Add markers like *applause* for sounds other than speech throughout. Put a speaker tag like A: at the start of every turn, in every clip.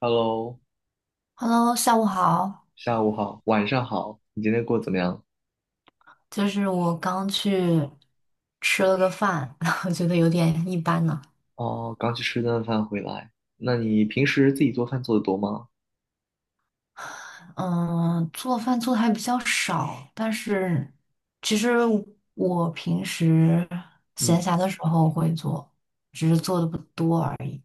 A: Hello，
B: Hello，下午好。
A: 下午好，晚上好，你今天过得怎么样？
B: 就是我刚去吃了个饭，*laughs* 然后觉得有点一般呢。
A: 哦，刚去吃顿饭回来。那你平时自己做饭做的多吗？
B: 嗯，做饭做的还比较少，但是其实我平时闲
A: 嗯，
B: 暇的时候会做，只是做的不多而已。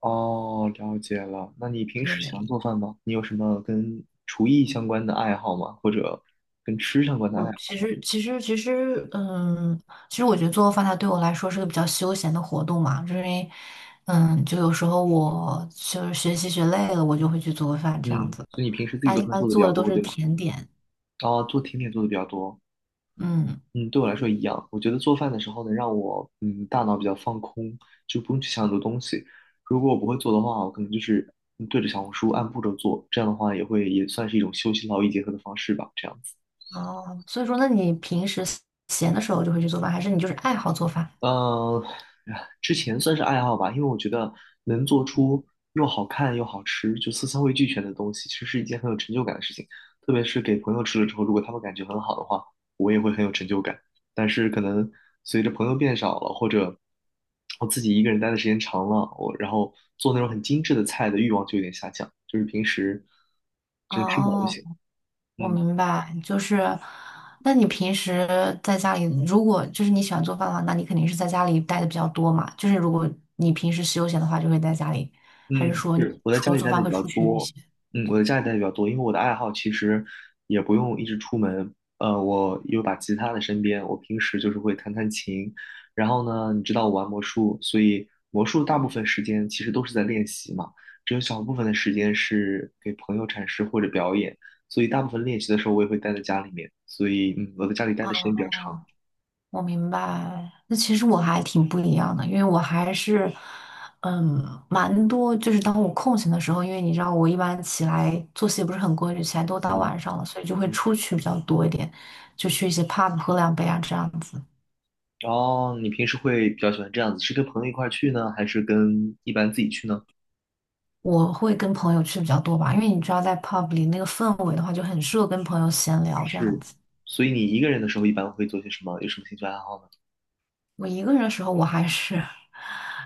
A: 哦，了解了。那你平时喜欢
B: 对，
A: 做饭吗？你有什么跟厨艺相关的爱好吗？或者跟吃相关的爱
B: 我其
A: 好？
B: 实其实其实，其实我觉得做饭它对我来说是个比较休闲的活动嘛，就是因为，嗯，就有时候我就是学习学累了，我就会去做饭这样
A: 嗯，
B: 子。
A: 所以你平时自己
B: 那
A: 做
B: 一
A: 饭
B: 般
A: 做的比
B: 做
A: 较
B: 的都
A: 多，
B: 是
A: 对吗？
B: 甜点。
A: 哦，做甜点做的比较多。
B: 嗯，
A: 嗯，对我来说一样。我觉得做饭的时候能让我大脑比较放空，就不用去想很多东西。如果我不会做的话，我可能就是对着小红书按步骤做，这样的话也会也算是一种休息劳逸结合的方式吧，这样子。
B: 哦，所以说，那你平时闲的时候就会去做饭，还是你就是爱好做饭？
A: 呃，哎之前算是爱好吧，因为我觉得能做出又好看又好吃，就色香味俱全的东西，其实是一件很有成就感的事情。特别是给朋友吃了之后，如果他们感觉很好的话，我也会很有成就感。但是可能随着朋友变少了，或者我自己一个人待的时间长了，我然后做那种很精致的菜的欲望就有点下降，就是平时只吃饱就
B: 哦。
A: 行。
B: 我
A: 嗯。
B: 明白，就是，那你平时在家里，如果就是你喜欢做饭的话，那你肯定是在家里待的比较多嘛。就是如果你平时休闲的话，就会在家里，还是
A: 嗯，
B: 说你
A: 是我在
B: 除
A: 家
B: 了
A: 里
B: 做
A: 待
B: 饭
A: 的
B: 会
A: 比较
B: 出去一
A: 多，
B: 些？
A: 嗯，我在家里待的比较多，因为我的爱好其实也不用一直出门，我有把吉他在身边，我平时就是会弹弹琴，然后呢，你知道我玩魔术，所以魔术大部分时间其实都是在练习嘛，只有小部分的时间是给朋友展示或者表演，所以大部分练习的时候我也会待在家里面，所以我在家里待的时间比较长，
B: 哦，我明白。那其实我还挺不一样的，因为我还是，嗯，蛮多。就是当我空闲的时候，因为你知道我一般起来作息也不是很规律，起来都到
A: 嗯。
B: 晚上了，所以就会
A: 嗯，
B: 出去比较多一点，就去一些 pub 喝两杯啊这样子。
A: 然后你平时会比较喜欢这样子，是跟朋友一块儿去呢，还是跟一般自己去呢？
B: 我会跟朋友去比较多吧，因为你知道，在 pub 里那个氛围的话，就很适合跟朋友闲聊这样
A: 是，
B: 子。
A: 所以你一个人的时候一般会做些什么？有什么兴趣爱好呢？
B: 我一个人的时候，我还是 *laughs*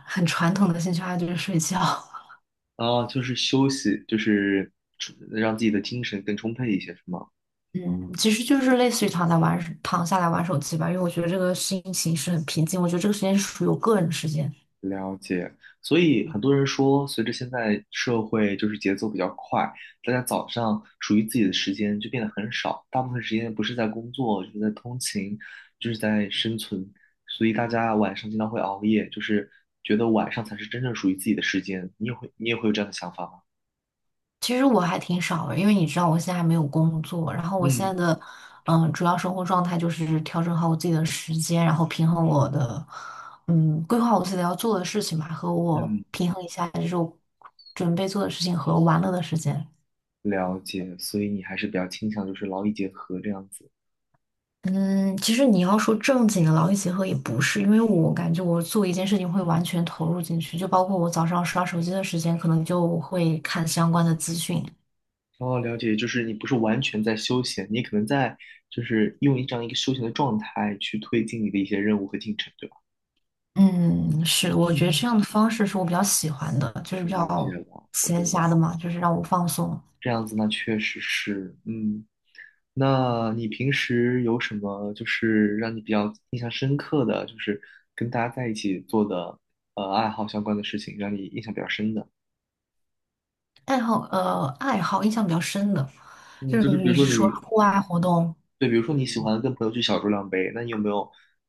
B: 很传统的兴趣爱好就是睡觉。*laughs*
A: 啊，就是休息，就是出让自己的精神更充沛一些，是吗？
B: 嗯，其实就是类似于躺在玩，躺下来玩手机吧，因为我觉得这个心情是很平静，我觉得这个时间是属于我个人的时间。
A: 了解。所以很多人说，随着现在社会就是节奏比较快，大家早上属于自己的时间就变得很少，大部分时间不是在工作，就是在通勤，就是在生存。所以大家晚上经常会熬夜，就是觉得晚上才是真正属于自己的时间。你也会有这样的想法吗？
B: 其实我还挺少的，因为你知道我现在还没有工作，然后我现在
A: 嗯
B: 的主要生活状态就是调整好我自己的时间，然后平衡我的规划我自己要做的事情吧，和我
A: 嗯。
B: 平衡一下就是我准备做的事情和玩乐的时间。
A: 了解，所以你还是比较倾向就是劳逸结合这样子。
B: 嗯，其实你要说正经的劳逸结合也不是，因为我感觉我做一件事情会完全投入进去，就包括我早上刷手机的时间，可能就会看相关的资讯，
A: 哦，了解，就是你不是完全在休闲，你可能在就是用一个休闲的状态去推进你的一些任务和进程，对吧？
B: 嗯，是，我觉
A: 嗯，
B: 得这样的方式是我比较喜欢的，就是比
A: 了解
B: 较
A: 了，我懂
B: 闲
A: 了。
B: 暇的嘛，就是让我放松。
A: 这样子那确实是，那你平时有什么就是让你比较印象深刻的，就是跟大家在一起做的爱好相关的事情，让你印象比较深的？
B: 爱好，爱好印象比较深的，
A: 嗯，
B: 就
A: 就
B: 是
A: 是比
B: 你
A: 如
B: 是
A: 说
B: 说
A: 你
B: 户外活动，
A: 对，比如说你喜欢跟朋友去小酌两杯，那你有没有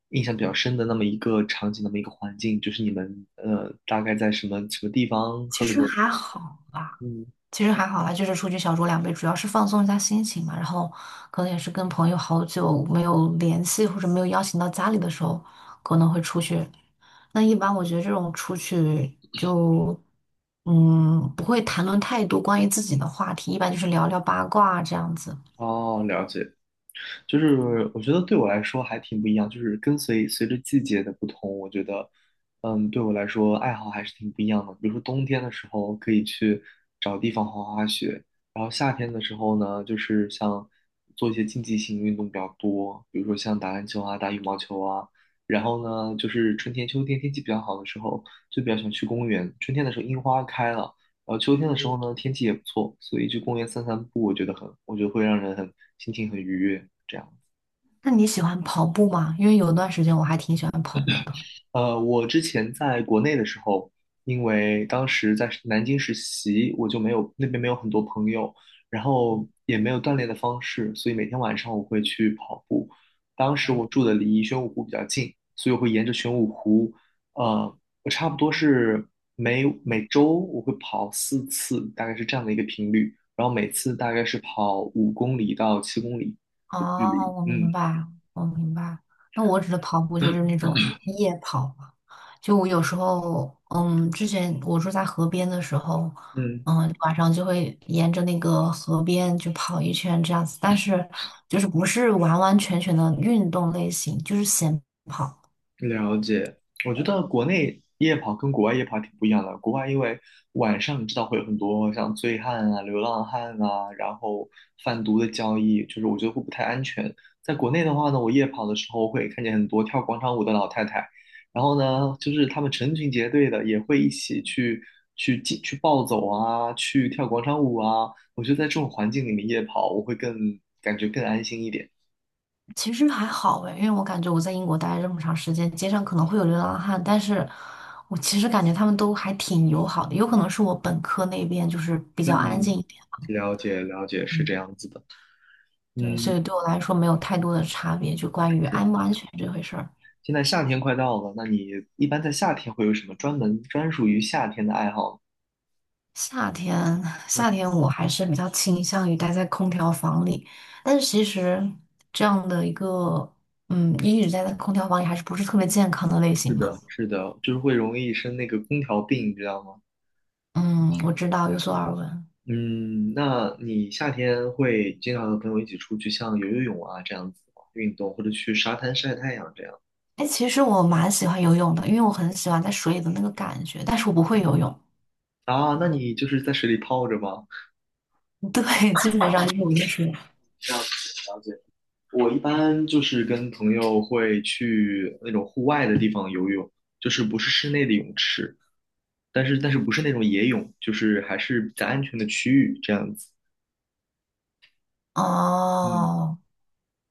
A: 印象比较深的那么一个场景，那么一个环境，就是你们大概在什么什么地方喝
B: 其
A: 了
B: 实
A: 点？
B: 还好吧。
A: 嗯，
B: 其实还好啦，就是出去小酌两杯，主要是放松一下心情嘛。然后可能也是跟朋友好久没有联系，或者没有邀请到家里的时候，可能会出去。那一般我觉得这种出去就，嗯，不会谈论太多关于自己的话题，一般就是聊聊八卦啊这样子。
A: 哦，了解。就是我觉得对我来说还挺不一样，就是跟随着季节的不同，我觉得，对我来说爱好还是挺不一样的。比如说冬天的时候可以去找地方滑滑雪，然后夏天的时候呢，就是像做一些竞技性运动比较多，比如说像打篮球啊、打羽毛球啊。然后呢，就是春天、秋天天气比较好的时候，就比较喜欢去公园。春天的时候樱花开了，秋天的时候呢，天气也不错，所以去公园散散步，我觉得会让人很心情很愉悦，这样。
B: 那你喜欢跑步吗？因为有一段时间我还挺喜欢跑步的。
A: 我之前在国内的时候，因为当时在南京实习，我就没有那边没有很多朋友，然后也没有锻炼的方式，所以每天晚上我会去跑步。当时我住的离玄武湖比较近，所以我会沿着玄武湖，我差不多是每周我会跑四次，大概是这样的一个频率，然后每次大概是跑5公里到7公里的距离，
B: 哦，
A: 嗯。
B: 我明白。那我指的跑步就是那种夜跑嘛。就我有时候，嗯，之前我住在河边的时候，
A: 嗯，
B: 嗯，晚上就会沿着那个河边就跑一圈这样子，但是就是不是完完全全的运动类型，就是闲跑。
A: 了解，我觉得国内夜跑跟国外夜跑挺不一样的。国外因为晚上你知道会有很多像醉汉啊、流浪汉啊，然后贩毒的交易，就是我觉得会不太安全。在国内的话呢，我夜跑的时候会看见很多跳广场舞的老太太，然后呢，就是他们成群结队的也会一起去进去暴走啊，去跳广场舞啊。我觉得在这种环境里面夜跑，我会更感觉更安心一点。
B: 其实还好诶，因为我感觉我在英国待了这么长时间，街上可能会有流浪汉，但是我其实感觉他们都还挺友好的，有可能是我本科那边就是比较安
A: 嗯，
B: 静一点。
A: 了解了解，是
B: 嗯
A: 这样子的。
B: 对，所
A: 嗯，
B: 以对我来说没有太多的差别，就关于
A: 是
B: 安不安全这回事儿。
A: 现在夏天快到了，那你一般在夏天会有什么专属于夏天的爱好
B: 夏天，
A: 呢嗯，
B: 夏天我还是比较倾向于待在空调房里，但是其实这样的一个，嗯，一直待在空调房里还是不是特别健康的类
A: 是
B: 型嘛。
A: 的，是的，就是会容易生那个空调病，你知道吗？
B: 嗯，我知道，有所耳闻。
A: 嗯，那你夏天会经常和朋友一起出去，像游游泳啊这样子吗运动，或者去沙滩晒太阳这样
B: 哎，其实我蛮喜欢游泳的，因为我很喜欢在水里的那个感觉，但是我不会游泳。
A: 啊？那你就是在水里泡着吗？
B: *laughs* 对，基本上就是我就是，
A: 这样子了解，我一般就是跟朋友会去那种户外的地方游泳，就是不是室内的泳池。但是不是那种野泳，就是还是在安全的区域这样子。嗯，
B: 哦，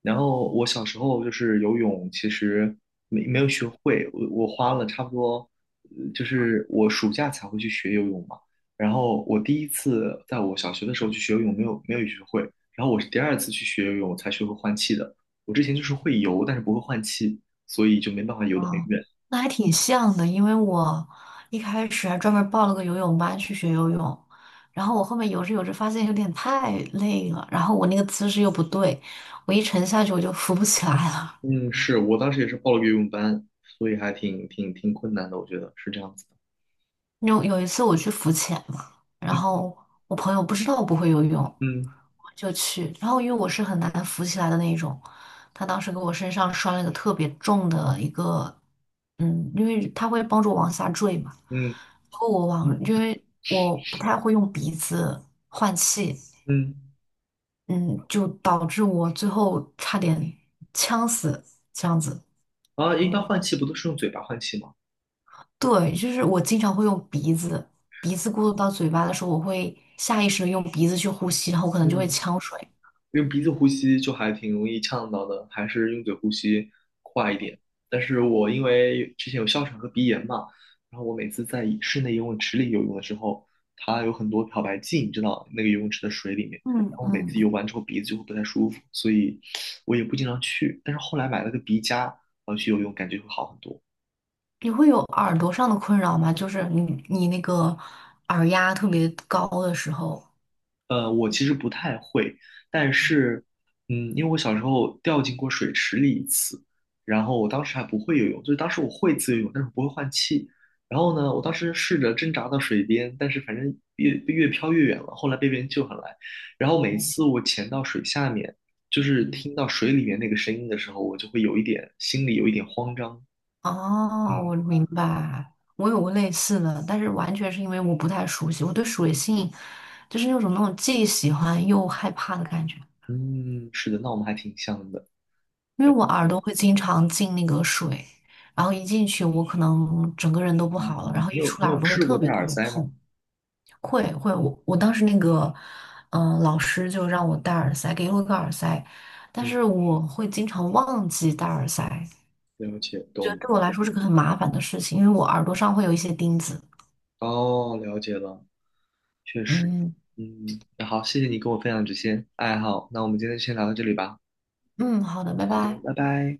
A: 然后我小时候就是游泳，其实没有学会，我花了差不多，就是我暑假才会去学游泳嘛。然后我第一次在我小学的时候去学游泳，没有学会，然后我是第二次去学游泳才学会换气的。我之前就是会游，但是不会换气，所以就没办法游得很
B: 哦，
A: 远。
B: 那还挺像的，因为我一开始还专门报了个游泳班去学游泳，然后我后面游着游着发现有点太累了，然后我那个姿势又不对，我一沉下去我就浮不起来了。
A: 嗯，是我当时也是报了个游泳班，所以还挺困难的，我觉得是这样子的。
B: 有一次我去浮潜嘛，然
A: 嗯。
B: 后我朋友不知道我不会游泳，
A: 嗯
B: 就去。然后因为我是很难扶起来的那一种，他当时给我身上拴了一个特别重的一个，嗯，因为他会帮助我往下坠嘛。
A: 嗯
B: 然后我往，
A: 嗯
B: 因为我不太会用鼻子换气，
A: 嗯，
B: 嗯，就导致我最后差点呛死，这样子。
A: 啊，一般换气不都是用嘴巴换气吗？
B: 对，就是我经常会用鼻子，鼻子过渡到嘴巴的时候，我会下意识的用鼻子去呼吸，然后我可能就
A: 嗯，
B: 会呛水。
A: 用鼻子呼吸就还挺容易呛到的，还是用嘴呼吸快一点。但是我因为之前有哮喘和鼻炎嘛，然后我每次在室内游泳池里游泳的时候，它有很多漂白剂，你知道那个游泳池的水里面，然
B: 嗯
A: 后每次游
B: 嗯。
A: 完之后鼻子就会不太舒服，所以我也不经常去。但是后来买了个鼻夹，然后去游泳，感觉会好很多。
B: 你会有耳朵上的困扰吗？就是你那个耳压特别高的时候。
A: 但是，因为我小时候掉进过水池里一次，然后我当时还不会游泳，就是当时我会自由泳，但是我不会换气。然后呢，我当时试着挣扎到水边，但是反正越飘越远了，后来被别人救上来。然后每次我潜到水下面，就是听到水里面那个声音的时候，我就会有一点心里有一点慌张。
B: 哦，
A: 嗯
B: 我明白，我有过类似的，但是完全是因为我不太熟悉，我对水性就是那种既喜欢又害怕的感觉，
A: 嗯，是的，那我们还挺像的。
B: 因为我耳朵会经常进那个水，然后一进去我可能整个人都不
A: 哦，
B: 好了，然后
A: 你
B: 一
A: 有
B: 出
A: 你
B: 来耳
A: 有
B: 朵会
A: 试过
B: 特
A: 戴
B: 别
A: 耳
B: 特别
A: 塞吗？
B: 痛。会会，我当时那个，嗯、老师就让我戴耳塞，给了我一个耳塞，但
A: 嗯，
B: 是我会经常忘记戴耳塞，
A: 了解，
B: 觉
A: 懂
B: 得
A: 了。
B: 对我来说是个很麻烦的事情，因为我耳朵上会有一些钉子。
A: 哦，了解了。确实，
B: 嗯
A: 嗯，那好，谢谢你跟我分享这些爱好，那我们今天就先聊到这里吧。
B: 嗯，好的，拜
A: 好的，
B: 拜。
A: 拜拜。